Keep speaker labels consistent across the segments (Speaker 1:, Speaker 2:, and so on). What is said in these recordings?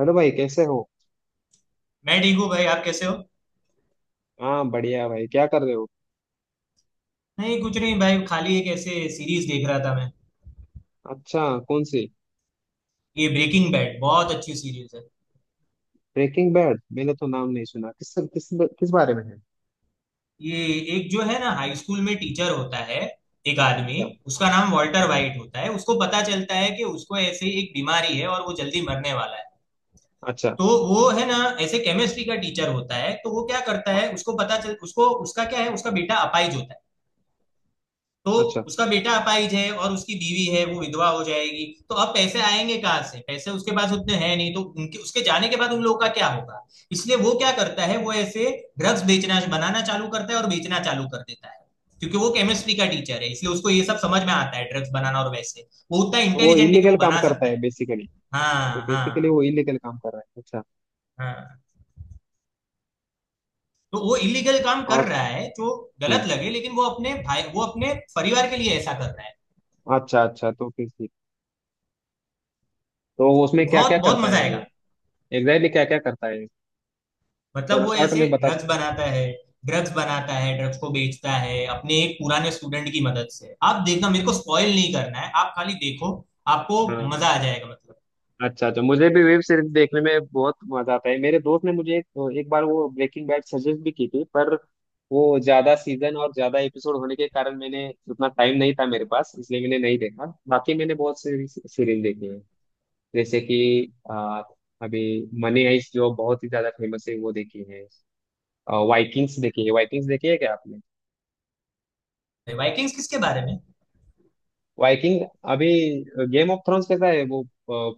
Speaker 1: Hello भाई, कैसे हो।
Speaker 2: मैं ठीक हूँ भाई। आप कैसे हो?
Speaker 1: हाँ, बढ़िया भाई, क्या कर रहे हो।
Speaker 2: नहीं, कुछ नहीं भाई, खाली एक ऐसे सीरीज देख रहा था मैं।
Speaker 1: अच्छा। कौन सी।
Speaker 2: ये ब्रेकिंग बैड बहुत अच्छी सीरीज है।
Speaker 1: ब्रेकिंग बैड, मैंने तो नाम नहीं सुना। किस किस किस बारे में है।
Speaker 2: ये एक जो है ना, हाई स्कूल में टीचर होता है, एक आदमी।
Speaker 1: अच्छा।
Speaker 2: उसका नाम वॉल्टर
Speaker 1: ओके।
Speaker 2: वाइट होता है। उसको पता चलता है कि उसको ऐसे एक बीमारी है और वो जल्दी मरने वाला है।
Speaker 1: अच्छा।
Speaker 2: तो वो है ना, ऐसे केमिस्ट्री का टीचर होता है। तो वो क्या करता
Speaker 1: हाँ।
Speaker 2: है, उसको पता चल उसको उसका क्या है, उसका बेटा अपाहिज होता है। तो
Speaker 1: अच्छा,
Speaker 2: उसका बेटा अपाहिज है और उसकी बीवी है, वो विधवा हो जाएगी। तो अब पैसे आएंगे कहाँ से, पैसे उसके पास उतने हैं नहीं, तो उनके उसके जाने के बाद उन लोगों का क्या होगा। इसलिए वो क्या करता है, वो ऐसे ड्रग्स बेचना बनाना चालू करता है और बेचना चालू कर देता है। क्योंकि वो केमिस्ट्री का टीचर है इसलिए उसको ये सब समझ में आता है, ड्रग्स बनाना। और वैसे वो उतना
Speaker 1: तो वो
Speaker 2: इंटेलिजेंट है कि
Speaker 1: इलीगल
Speaker 2: वो
Speaker 1: काम
Speaker 2: बना
Speaker 1: करता
Speaker 2: सकता
Speaker 1: है
Speaker 2: है।
Speaker 1: बेसिकली। तो
Speaker 2: हाँ
Speaker 1: बेसिकली
Speaker 2: हाँ।
Speaker 1: वो इलीगल काम कर रहा है। अच्छा।
Speaker 2: हाँ, तो वो इलीगल काम कर
Speaker 1: और।
Speaker 2: रहा है जो गलत
Speaker 1: हम्म।
Speaker 2: लगे, लेकिन वो अपने भाई वो अपने परिवार के लिए ऐसा कर रहा है।
Speaker 1: अच्छा अच्छा, तो फिर ठीक। तो उसमें क्या क्या
Speaker 2: बहुत बहुत
Speaker 1: करता
Speaker 2: मजा
Speaker 1: है वो।
Speaker 2: आएगा।
Speaker 1: एग्जैक्टली क्या क्या करता है।
Speaker 2: मतलब
Speaker 1: थोड़ा
Speaker 2: वो
Speaker 1: शॉर्ट
Speaker 2: ऐसे
Speaker 1: में बता
Speaker 2: ड्रग्स
Speaker 1: सकते हो।
Speaker 2: बनाता है, ड्रग्स को बेचता है अपने एक पुराने स्टूडेंट की मदद से। आप देखना, मेरे को स्पॉइल नहीं करना है, आप खाली देखो। आपको
Speaker 1: हाँ।
Speaker 2: मजा आ जाएगा मतलब।
Speaker 1: अच्छा अच्छा, मुझे भी वेब सीरीज देखने में बहुत मजा आता है। मेरे दोस्त ने मुझे एक बार वो ब्रेकिंग बैड सजेस्ट भी की थी, पर वो ज्यादा सीजन और ज्यादा एपिसोड होने के कारण मैंने उतना, टाइम नहीं था मेरे पास, इसलिए मैंने नहीं देखा। बाकी मैंने बहुत सीरीज सीरीज देखी है। जैसे कि आ, अभी मनी हाइस्ट, जो बहुत ही ज्यादा फेमस है, वो देखी है। वाइकिंग्स देखी है। वाइकिंग्स देखी है क्या आपने।
Speaker 2: वाइकिंग्स किसके बारे में?
Speaker 1: वाइकिंग। अभी गेम ऑफ थ्रोन्स कैसा है वो,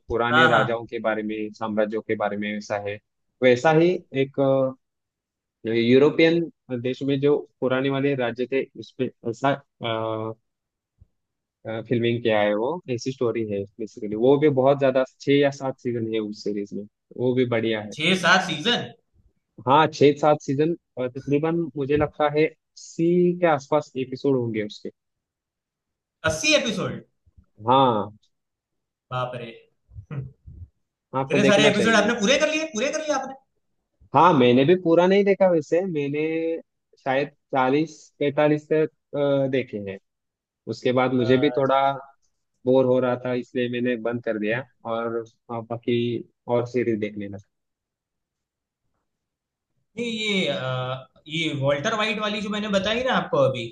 Speaker 1: पुराने
Speaker 2: हाँ हाँ।
Speaker 1: राजाओं के बारे में, साम्राज्यों के बारे में वैसा है। वैसा ही एक यूरोपियन देश में जो पुराने वाले राज्य थे उसपे ऐसा फिल्मिंग किया है, वो ऐसी स्टोरी है बेसिकली। वो भी बहुत ज्यादा, 6 या 7 सीजन है उस सीरीज में। वो भी बढ़िया है।
Speaker 2: छह सात सीजन?
Speaker 1: हाँ, 6 7 सीजन। और तकरीबन मुझे लगता है 80 के आसपास एपिसोड होंगे उसके।
Speaker 2: 80 एपिसोड?
Speaker 1: हाँ।
Speaker 2: बाप रे! हम्म,
Speaker 1: आपको
Speaker 2: इतने सारे
Speaker 1: देखना
Speaker 2: एपिसोड आपने
Speaker 1: चाहिए।
Speaker 2: पूरे कर लिए, पूरे कर लिए आपने?
Speaker 1: हाँ, मैंने भी पूरा नहीं देखा वैसे। मैंने शायद 40 45 तक देखे हैं। उसके बाद मुझे भी
Speaker 2: अच्छा।
Speaker 1: थोड़ा बोर हो रहा था, इसलिए मैंने बंद कर दिया। और हाँ, बाकी और सीरीज देखने लगा।
Speaker 2: नहीं ये ये वॉल्टर वाइट वाली जो मैंने बताई ना आपको अभी,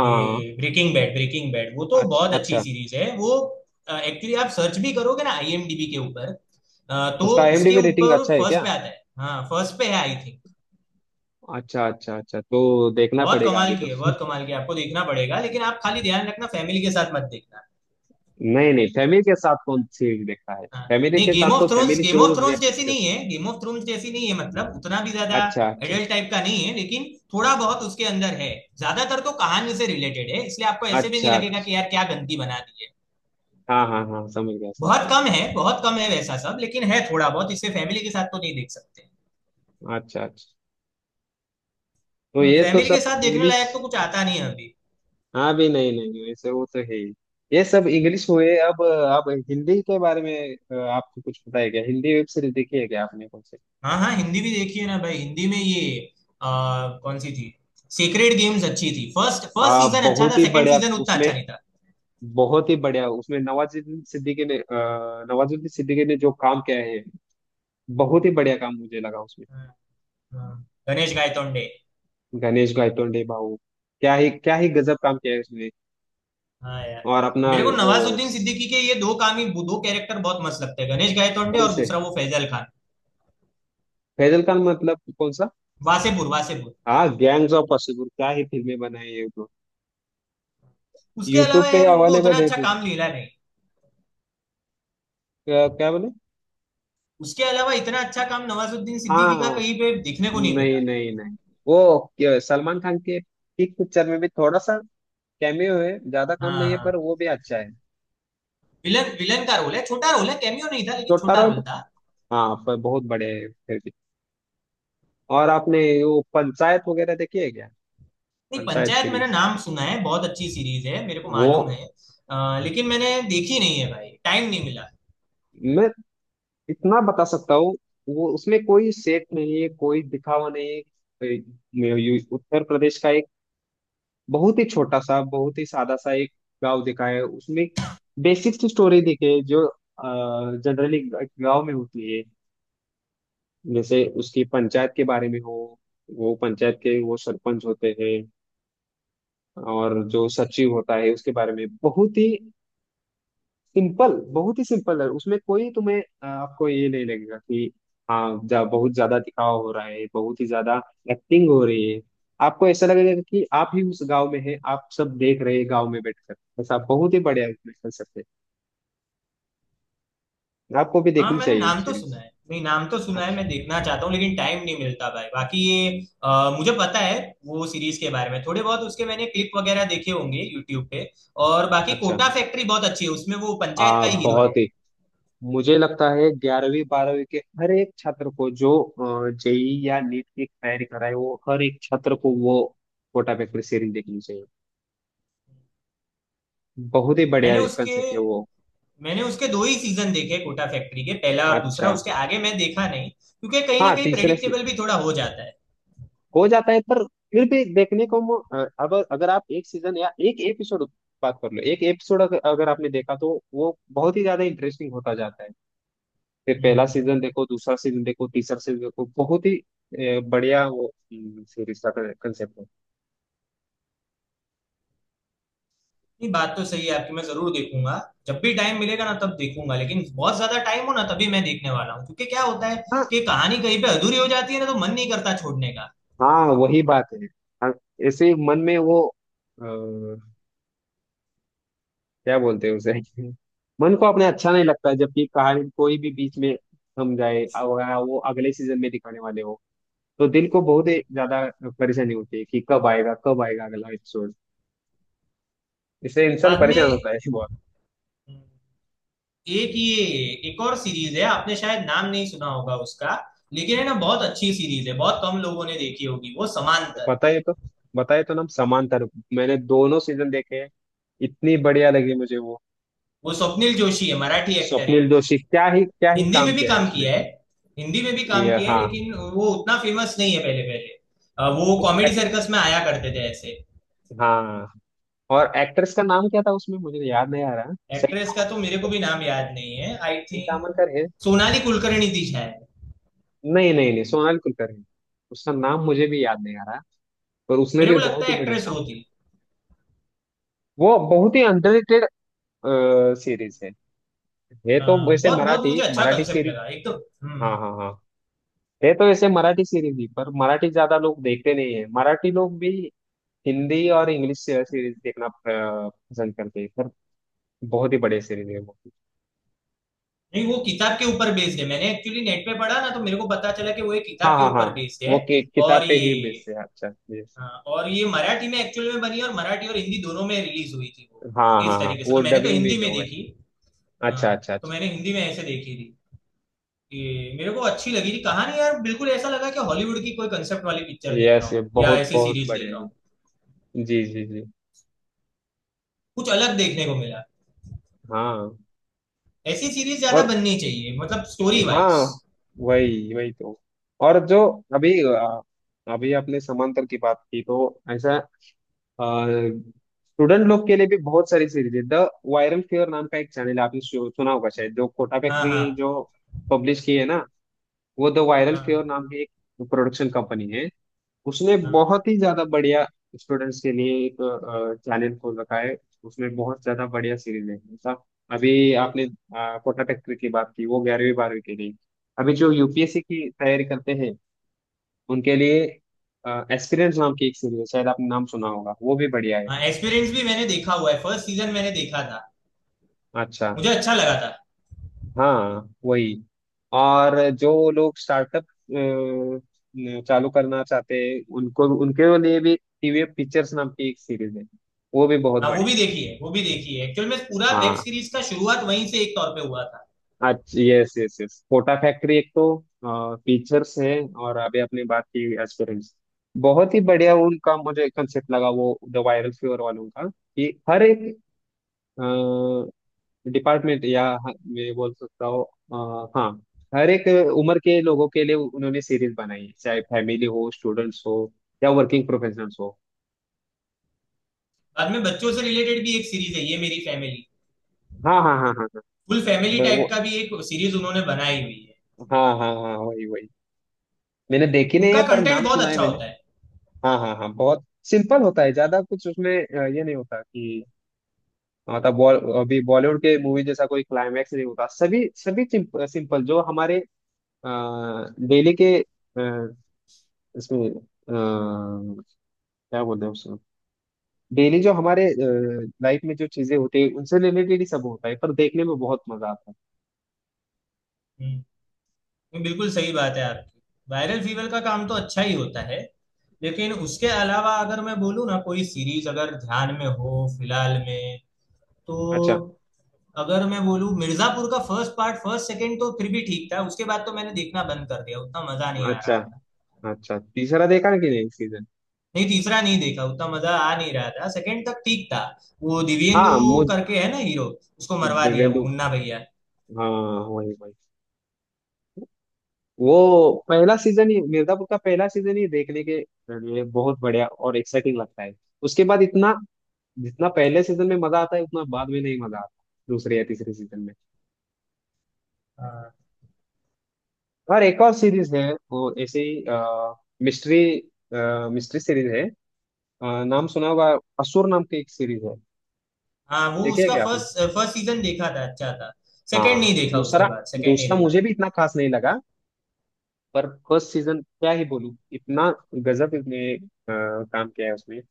Speaker 2: ये ब्रेकिंग बैड वो तो बहुत
Speaker 1: अच्छा
Speaker 2: अच्छी
Speaker 1: अच्छा।
Speaker 2: सीरीज है वो। एक्चुअली आप सर्च भी करोगे ना आईएमडीबी के ऊपर, तो
Speaker 1: उसका
Speaker 2: उसके
Speaker 1: IMDb रेटिंग
Speaker 2: ऊपर
Speaker 1: अच्छा है
Speaker 2: फर्स्ट
Speaker 1: क्या।
Speaker 2: पे आता है। हाँ, फर्स्ट पे है आई थिंक।
Speaker 1: अच्छा अच्छा अच्छा, तो देखना
Speaker 2: बहुत
Speaker 1: पड़ेगा अभी
Speaker 2: कमाल
Speaker 1: तो।
Speaker 2: की है, बहुत कमाल की है, आपको देखना पड़ेगा। लेकिन आप खाली ध्यान रखना, फैमिली के साथ मत देखना।
Speaker 1: नहीं नहीं, फैमिली के साथ कौन
Speaker 2: हाँ,
Speaker 1: सीरीज देखता है।
Speaker 2: हाँ।
Speaker 1: फैमिली
Speaker 2: नहीं,
Speaker 1: के साथ
Speaker 2: गेम ऑफ
Speaker 1: तो
Speaker 2: Thrones,
Speaker 1: family
Speaker 2: Game of
Speaker 1: shows या
Speaker 2: थ्रोन्स जैसी
Speaker 1: पिक्चर।
Speaker 2: नहीं है, गेम ऑफ थ्रोन्स जैसी नहीं है। मतलब उतना भी ज्यादा
Speaker 1: अच्छा अच्छा।
Speaker 2: एडल्ट टाइप का नहीं है, लेकिन थोड़ा बहुत उसके अंदर है। ज्यादातर तो कहानी से रिलेटेड है, इसलिए आपको ऐसे भी नहीं
Speaker 1: अच्छा अच्छा।
Speaker 2: लगेगा कि यार क्या गंदगी बना दी है।
Speaker 1: हाँ हाँ हाँ, समझ गया समझ
Speaker 2: बहुत कम है, बहुत कम है वैसा सब, लेकिन है थोड़ा बहुत, इससे फैमिली के साथ तो नहीं देख सकते।
Speaker 1: गया। अच्छा अच्छा, तो ये तो
Speaker 2: फैमिली के
Speaker 1: सब
Speaker 2: साथ देखने
Speaker 1: इंग्लिश।
Speaker 2: लायक तो कुछ आता नहीं है अभी।
Speaker 1: हाँ भी, नहीं नहीं, वैसे वो तो है ही। ये सब इंग्लिश हुए। अब हिंदी के बारे में आपको कुछ पता है क्या। हिंदी वेब सीरीज देखी है क्या आपने, कौन से।
Speaker 2: हाँ हाँ, हिंदी भी देखी है ना भाई। हिंदी में ये, कौन सी थी, सीक्रेट गेम्स अच्छी थी। फर्स्ट फर्स्ट सीजन अच्छा
Speaker 1: बहुत
Speaker 2: था,
Speaker 1: ही
Speaker 2: सेकंड
Speaker 1: बढ़िया
Speaker 2: सीजन उतना
Speaker 1: उसमें।
Speaker 2: अच्छा नहीं था।
Speaker 1: बहुत ही बढ़िया उसमें नवाजुद्दीन सिद्दीकी ने नवाजुद्दीन सिद्दीकी ने जो काम किया है, बहुत ही बढ़िया काम मुझे लगा उसमें।
Speaker 2: हाँ, हाँ। गणेश गायतोंडे।
Speaker 1: गणेश गायतोंडे भाऊ, क्या ही गजब काम किया है उसने।
Speaker 2: हाँ यार।
Speaker 1: और अपना
Speaker 2: मेरे को
Speaker 1: वो
Speaker 2: नवाजुद्दीन सिद्दीकी के ये दो काम ही, दो कैरेक्टर बहुत मस्त लगते हैं, गणेश गायतोंडे
Speaker 1: कौन
Speaker 2: और
Speaker 1: से।
Speaker 2: दूसरा वो फैजल खान।
Speaker 1: फैजल खान मतलब कौन सा।
Speaker 2: वासेपुर वासेपुर।
Speaker 1: हाँ, गैंग्स ऑफ वासेपुर, क्या ही फिल्में बनाई है वो।
Speaker 2: उसके
Speaker 1: यूट्यूब
Speaker 2: अलावा
Speaker 1: पे
Speaker 2: यार उनको उतना
Speaker 1: अवेलेबल है।
Speaker 2: अच्छा काम मिला नहीं।
Speaker 1: क्या, क्या बोले।
Speaker 2: उसके अलावा इतना अच्छा काम नवाजुद्दीन सिद्दीकी का
Speaker 1: हाँ।
Speaker 2: कहीं पे देखने को नहीं
Speaker 1: नहीं
Speaker 2: मिला।
Speaker 1: नहीं नहीं, वो सलमान खान के पीक पिक्चर में भी थोड़ा सा कैमियो है, ज्यादा
Speaker 2: हाँ
Speaker 1: काम नहीं है, पर
Speaker 2: हाँ।
Speaker 1: वो भी अच्छा है।
Speaker 2: विलन, विलन का रोल है, छोटा रोल है, कैमियो नहीं था लेकिन
Speaker 1: छोटा
Speaker 2: छोटा
Speaker 1: रहो।
Speaker 2: रोल था।
Speaker 1: हाँ, पर बहुत बड़े हैं फिर भी। और आपने वो पंचायत वगैरह देखी है क्या।
Speaker 2: नहीं,
Speaker 1: पंचायत
Speaker 2: पंचायत मैंने
Speaker 1: सीरीज,
Speaker 2: नाम सुना है, बहुत अच्छी सीरीज है मेरे को
Speaker 1: वो
Speaker 2: मालूम है। लेकिन मैंने देखी नहीं है भाई, टाइम नहीं मिला।
Speaker 1: मैं इतना बता सकता हूँ। वो उसमें कोई सेट नहीं है, कोई दिखावा नहीं है। ये उत्तर प्रदेश का बहुत ही छोटा सा, बहुत ही सादा सा एक गांव दिखाया है उसमें। बेसिक सी स्टोरी दिखे जो जनरली गांव में होती है। जैसे उसकी पंचायत के बारे में हो, वो पंचायत के वो सरपंच होते हैं, और जो सचिव होता है उसके बारे में। बहुत ही सिंपल, बहुत ही सिंपल है उसमें। कोई तुम्हें आपको ये नहीं लगेगा कि हाँ बहुत ज्यादा दिखावा हो रहा है, बहुत ही ज्यादा एक्टिंग हो रही है। आपको ऐसा लगेगा कि आप ही उस गांव में हैं, आप सब देख रहे हैं गांव में बैठकर। ऐसा बहुत ही बढ़िया उसमें कंसेप्ट है। आपको भी
Speaker 2: हाँ,
Speaker 1: देखनी
Speaker 2: मैंने
Speaker 1: चाहिए वो
Speaker 2: नाम तो सुना
Speaker 1: सीरीज।
Speaker 2: है, नहीं, नाम तो सुना है,
Speaker 1: अच्छा
Speaker 2: मैं देखना चाहता हूँ लेकिन टाइम नहीं मिलता भाई। बाकी ये मुझे पता है वो सीरीज के बारे में, थोड़े बहुत उसके मैंने क्लिप वगैरह देखे होंगे यूट्यूब पे। और बाकी
Speaker 1: अच्छा।
Speaker 2: कोटा फैक्ट्री बहुत अच्छी है, उसमें वो पंचायत का ही हीरो
Speaker 1: बहुत
Speaker 2: है।
Speaker 1: ही, मुझे लगता है ग्यारहवीं बारहवीं के हर एक छात्र को, जो जेई या नीट की तैयारी कर रहा है, वो हर एक छात्र को वो कोटा पेपर सीरीज देखनी चाहिए। बहुत ही
Speaker 2: मैंने
Speaker 1: बढ़िया
Speaker 2: उसके
Speaker 1: कंसेप्ट है वो।
Speaker 2: मैंने उसके दो ही सीजन देखे कोटा फैक्ट्री के, पहला और दूसरा,
Speaker 1: अच्छा।
Speaker 2: उसके आगे मैं देखा नहीं क्योंकि कहीं ना
Speaker 1: हाँ,
Speaker 2: कहीं
Speaker 1: तीसरे से
Speaker 2: प्रेडिक्टेबल भी थोड़ा हो जाता है।
Speaker 1: हो जाता है, पर फिर भी देखने को अब अगर आप एक सीजन या एक एपिसोड, बात कर लो एक एपिसोड, अगर अगर आपने देखा तो वो बहुत ही ज्यादा इंटरेस्टिंग होता जाता है। फिर पहला
Speaker 2: हम्म।
Speaker 1: सीजन देखो, दूसरा सीजन देखो, तीसरा सीजन देखो, बहुत ही बढ़िया वो सीरीज का कंसेप्ट है।
Speaker 2: नहीं, बात तो सही है आपकी, मैं जरूर देखूंगा। जब भी टाइम मिलेगा ना तब देखूंगा, लेकिन बहुत ज्यादा टाइम हो ना तभी मैं देखने वाला हूँ, क्योंकि क्या होता है
Speaker 1: हाँ
Speaker 2: कि कहानी कहीं पे अधूरी हो जाती है ना तो मन नहीं करता छोड़ने का।
Speaker 1: हाँ, वही बात है। हाँ, ऐसे ही मन में वो क्या बोलते हैं उसे। मन को अपने अच्छा नहीं लगता है, जबकि कहानी कोई भी बीच में थम जाए और वो अगले सीजन में दिखाने वाले हो, तो दिल को बहुत ही ज्यादा परेशानी होती है कि कब आएगा अगला एपिसोड। इससे इंसान
Speaker 2: बाद
Speaker 1: परेशान
Speaker 2: में।
Speaker 1: होता है बहुत।
Speaker 2: हम्म, एक ये, एक और सीरीज है, आपने शायद नाम नहीं सुना होगा उसका, लेकिन है ना बहुत अच्छी सीरीज है, बहुत कम लोगों ने देखी होगी, वो समांतर।
Speaker 1: बताइए तो। बताइए तो ना। समांतर, मैंने दोनों सीजन देखे हैं। इतनी बढ़िया लगी मुझे वो।
Speaker 2: वो स्वप्निल जोशी है, मराठी एक्टर है।
Speaker 1: स्वप्निल जोशी, क्या ही
Speaker 2: हिंदी
Speaker 1: काम
Speaker 2: में भी
Speaker 1: किया है
Speaker 2: काम
Speaker 1: उसमें।
Speaker 2: किया है। हिंदी में भी काम
Speaker 1: ये,
Speaker 2: किया है
Speaker 1: हाँ।
Speaker 2: लेकिन वो उतना फेमस नहीं है। पहले पहले वो
Speaker 1: उस
Speaker 2: कॉमेडी
Speaker 1: एक,
Speaker 2: सर्कस में आया करते थे ऐसे।
Speaker 1: हाँ। और एक्ट्रेस का नाम क्या था उसमें, मुझे याद नहीं आ रहा। सही
Speaker 2: एक्ट्रेस का
Speaker 1: तामल,
Speaker 2: तो मेरे को भी नाम याद नहीं है, आई
Speaker 1: सही
Speaker 2: थिंक
Speaker 1: तामल।
Speaker 2: सोनाली कुलकर्णी थी शायद।
Speaker 1: नहीं नहीं नहीं, सोनाल कुलकर्णी। उसका नाम मुझे भी याद नहीं आ रहा। पर उसने
Speaker 2: मेरे
Speaker 1: भी
Speaker 2: को लगता
Speaker 1: बहुत ही
Speaker 2: है
Speaker 1: बढ़िया
Speaker 2: एक्ट्रेस
Speaker 1: काम।
Speaker 2: वो थी।
Speaker 1: वो बहुत ही अंडररेटेड सीरीज है। है तो वैसे
Speaker 2: बहुत बहुत मुझे
Speaker 1: मराठी,
Speaker 2: अच्छा
Speaker 1: मराठी
Speaker 2: कंसेप्ट
Speaker 1: सीरीज।
Speaker 2: लगा एक तो।
Speaker 1: हाँ
Speaker 2: हम्म
Speaker 1: हाँ हाँ। है तो वैसे मराठी सीरीज ही, पर मराठी ज्यादा लोग देखते नहीं है। मराठी लोग भी हिंदी और इंग्लिश सीरीज देखना पसंद करते हैं, पर बहुत ही बढ़िया सीरीज है वो।
Speaker 2: नहीं, वो किताब के ऊपर बेस्ड है, मैंने एक्चुअली नेट पे पढ़ा ना तो मेरे को पता चला कि वो एक किताब
Speaker 1: हाँ
Speaker 2: के
Speaker 1: हाँ हाँ,
Speaker 2: ऊपर बेस्ड है।
Speaker 1: वो
Speaker 2: और
Speaker 1: किताब पे
Speaker 2: ये
Speaker 1: ही बेस है। अच्छा yes।
Speaker 2: अ, और ये मराठी में एक्चुअल में बनी, और मराठी और हिंदी दोनों में रिलीज हुई थी वो।
Speaker 1: हाँ हाँ
Speaker 2: इस
Speaker 1: हाँ,
Speaker 2: तरीके से
Speaker 1: वो
Speaker 2: तो मैंने तो
Speaker 1: डबिंग
Speaker 2: हिंदी
Speaker 1: भी
Speaker 2: में
Speaker 1: हुआ है।
Speaker 2: देखी। हाँ,
Speaker 1: अच्छा अच्छा
Speaker 2: तो
Speaker 1: अच्छा।
Speaker 2: मैंने हिंदी में ऐसे देखी थी कि मेरे को अच्छी लगी थी कहानी यार, बिल्कुल ऐसा लगा कि हॉलीवुड की कोई कंसेप्ट वाली पिक्चर देख
Speaker 1: यस,
Speaker 2: रहा हूँ या
Speaker 1: बहुत
Speaker 2: ऐसी
Speaker 1: बहुत
Speaker 2: सीरीज
Speaker 1: बढ़िया
Speaker 2: देख रहा हूँ।
Speaker 1: है। जी जी जी।
Speaker 2: कुछ अलग देखने को मिला।
Speaker 1: हाँ।
Speaker 2: ऐसी सीरीज ज्यादा
Speaker 1: और
Speaker 2: बननी चाहिए, मतलब स्टोरी वाइज।
Speaker 1: हाँ, वही वही तो। और जो अभी अभी आपने समांतर की बात की, तो ऐसा स्टूडेंट लोग के लिए भी बहुत सारी सीरीज है। द वायरल फीवर नाम का एक चैनल है, आपने सुना होगा शायद, जो कोटा
Speaker 2: हाँ
Speaker 1: फैक्ट्री
Speaker 2: हाँ
Speaker 1: जो पब्लिश की है ना, वो द वायरल फीवर
Speaker 2: हाँ
Speaker 1: नाम की एक प्रोडक्शन कंपनी है। उसने
Speaker 2: हाँ
Speaker 1: बहुत ही ज्यादा बढ़िया, स्टूडेंट्स के लिए एक चैनल खोल रखा है। उसमें बहुत ज्यादा बढ़िया सीरीज है। मतलब अभी आपने कोटा फैक्ट्री की बात की, वो 11वीं 12वीं के लिए। अभी जो यूपीएससी की तैयारी करते हैं उनके लिए एक्सपीरियंस नाम की एक सीरीज है, शायद आपने नाम सुना होगा, वो भी बढ़िया है।
Speaker 2: हाँ। एक्सपीरियंस भी मैंने देखा हुआ है, फर्स्ट सीजन मैंने देखा था,
Speaker 1: अच्छा।
Speaker 2: मुझे अच्छा लगा था।
Speaker 1: हाँ, वही। और जो लोग स्टार्टअप चालू करना चाहते हैं उनको, उनके लिए भी टीवीएफ पिक्चर्स नाम की एक सीरीज है, वो भी बहुत
Speaker 2: हाँ, वो
Speaker 1: बढ़िया
Speaker 2: भी
Speaker 1: है।
Speaker 2: देखी है, वो भी देखी है, एक्चुअल में पूरा वेब
Speaker 1: हाँ।
Speaker 2: सीरीज का शुरुआत वहीं से एक तौर पे हुआ था।
Speaker 1: अच्छा, yes yes yes, Kota Factory एक तो फीचर्स है। और अभी आपने बात की एस्पिरेंट्स, बहुत ही बढ़िया उनका मुझे कंसेप्ट लगा वो द वायरल फीवर वालों का, कि हर एक डिपार्टमेंट या मैं बोल सकता हूँ हाँ, हर एक उम्र के लोगों के लिए उन्होंने सीरीज बनाई है, चाहे फैमिली हो, स्टूडेंट्स हो, या वर्किंग प्रोफेशनल्स हो।
Speaker 2: बाद में बच्चों से रिलेटेड भी एक सीरीज है, ये मेरी फैमिली।
Speaker 1: हाँ हाँ हाँ हाँ हाँ।
Speaker 2: फुल फैमिली टाइप का
Speaker 1: वो,
Speaker 2: भी एक सीरीज उन्होंने बनाई हुई है।
Speaker 1: हाँ हाँ हाँ, वही वही। मैंने देखी नहीं
Speaker 2: उनका
Speaker 1: है, पर
Speaker 2: कंटेंट
Speaker 1: नाम
Speaker 2: बहुत
Speaker 1: सुना है
Speaker 2: अच्छा
Speaker 1: मैंने।
Speaker 2: होता है।
Speaker 1: हाँ हाँ हाँ, बहुत सिंपल होता है। ज्यादा कुछ उसमें ये नहीं होता कि मतलब बॉल अभी बॉलीवुड के मूवी जैसा कोई क्लाइमैक्स नहीं होता। सभी सभी सिंपल जो हमारे डेली के इसमें क्या बोलते हैं उसको, डेली जो हमारे लाइफ में जो चीजें होती है उनसे रिलेटेड ही सब होता है, पर देखने में बहुत मजा आता है।
Speaker 2: हम्म, ये बिल्कुल सही बात है आपकी। वायरल फीवर का काम तो अच्छा ही होता है, लेकिन उसके अलावा अगर मैं बोलूँ ना, कोई सीरीज अगर ध्यान में हो फिलहाल में, तो
Speaker 1: अच्छा।
Speaker 2: अगर मैं बोलूँ मिर्जापुर का फर्स्ट पार्ट, फर्स्ट सेकंड तो फिर भी ठीक था, उसके बाद तो मैंने देखना बंद कर दिया, उतना मजा नहीं आ रहा
Speaker 1: अच्छा
Speaker 2: था।
Speaker 1: अच्छा, तीसरा देखा कि नहीं सीजन।
Speaker 2: नहीं, तीसरा नहीं देखा, उतना मजा आ नहीं रहा था, सेकंड तक ठीक था। वो दिव्येंदु
Speaker 1: हाँ, मुझ
Speaker 2: करके है ना हीरो, उसको मरवा दिया वो
Speaker 1: देवेंदु,
Speaker 2: मुन्ना भैया।
Speaker 1: हाँ, वही वही। वो पहला सीजन ही, मिर्जापुर का पहला सीजन ही देखने के लिए बहुत बढ़िया और एक्साइटिंग लगता है। उसके बाद इतना, जितना पहले सीजन में मजा आता है उतना बाद में नहीं मजा आता, दूसरे या तीसरे सीजन में। और एक और सीरीज है वो ऐसे ही मिस्ट्री, मिस्ट्री सीरीज है, नाम सुना होगा, असुर नाम की एक सीरीज है।
Speaker 2: हाँ, वो
Speaker 1: देखी है
Speaker 2: उसका
Speaker 1: क्या आपने।
Speaker 2: फर्स्ट फर्स्ट सीजन देखा था, अच्छा था। सेकंड
Speaker 1: हाँ,
Speaker 2: नहीं देखा, उसके
Speaker 1: दूसरा,
Speaker 2: बाद सेकंड नहीं
Speaker 1: दूसरा
Speaker 2: देखा।
Speaker 1: मुझे भी इतना खास नहीं लगा, पर फर्स्ट सीजन क्या ही बोलूं, इतना गजब इसने काम किया है उसमें।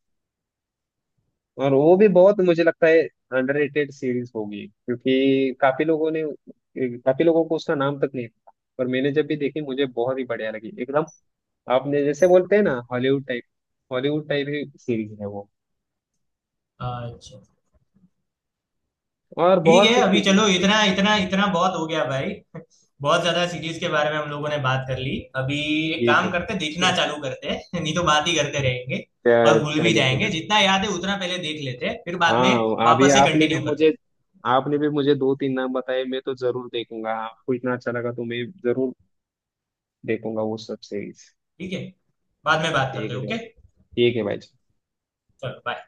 Speaker 1: और वो भी बहुत मुझे लगता है अंडररेटेड सीरीज होगी, क्योंकि काफी लोगों ने, काफी लोगों को उसका नाम तक नहीं था। पर मैंने जब भी देखी मुझे बहुत ही बढ़िया लगी एकदम। आपने जैसे बोलते हैं ना, हॉलीवुड टाइप, हॉलीवुड टाइप ही सीरीज है वो।
Speaker 2: अच्छा।
Speaker 1: और
Speaker 2: ठीक है
Speaker 1: बहुत सी
Speaker 2: अभी,
Speaker 1: सीरीज
Speaker 2: चलो
Speaker 1: है।
Speaker 2: इतना इतना इतना बहुत हो गया भाई बहुत ज्यादा सीरीज के बारे में हम लोगों ने बात कर ली अभी। एक
Speaker 1: ये
Speaker 2: काम करते, देखना
Speaker 1: थे।
Speaker 2: चालू करते हैं नहीं तो बात ही करते रहेंगे और भूल भी
Speaker 1: चलो
Speaker 2: जाएंगे।
Speaker 1: चलो।
Speaker 2: जितना याद है उतना पहले देख लेते हैं, फिर बाद में
Speaker 1: हाँ, अभी
Speaker 2: वापस से
Speaker 1: आपने भी
Speaker 2: कंटिन्यू करते
Speaker 1: मुझे,
Speaker 2: हैं।
Speaker 1: आपने भी मुझे दो तीन नाम बताए, मैं तो जरूर देखूंगा। आपको इतना अच्छा लगा तो मैं जरूर देखूंगा वो सब सीरीज।
Speaker 2: ठीक है, बाद में बात
Speaker 1: ठीक
Speaker 2: करते
Speaker 1: है
Speaker 2: हैं,
Speaker 1: भाई,
Speaker 2: ओके।
Speaker 1: ठीक है भाई।
Speaker 2: चलो, बाय।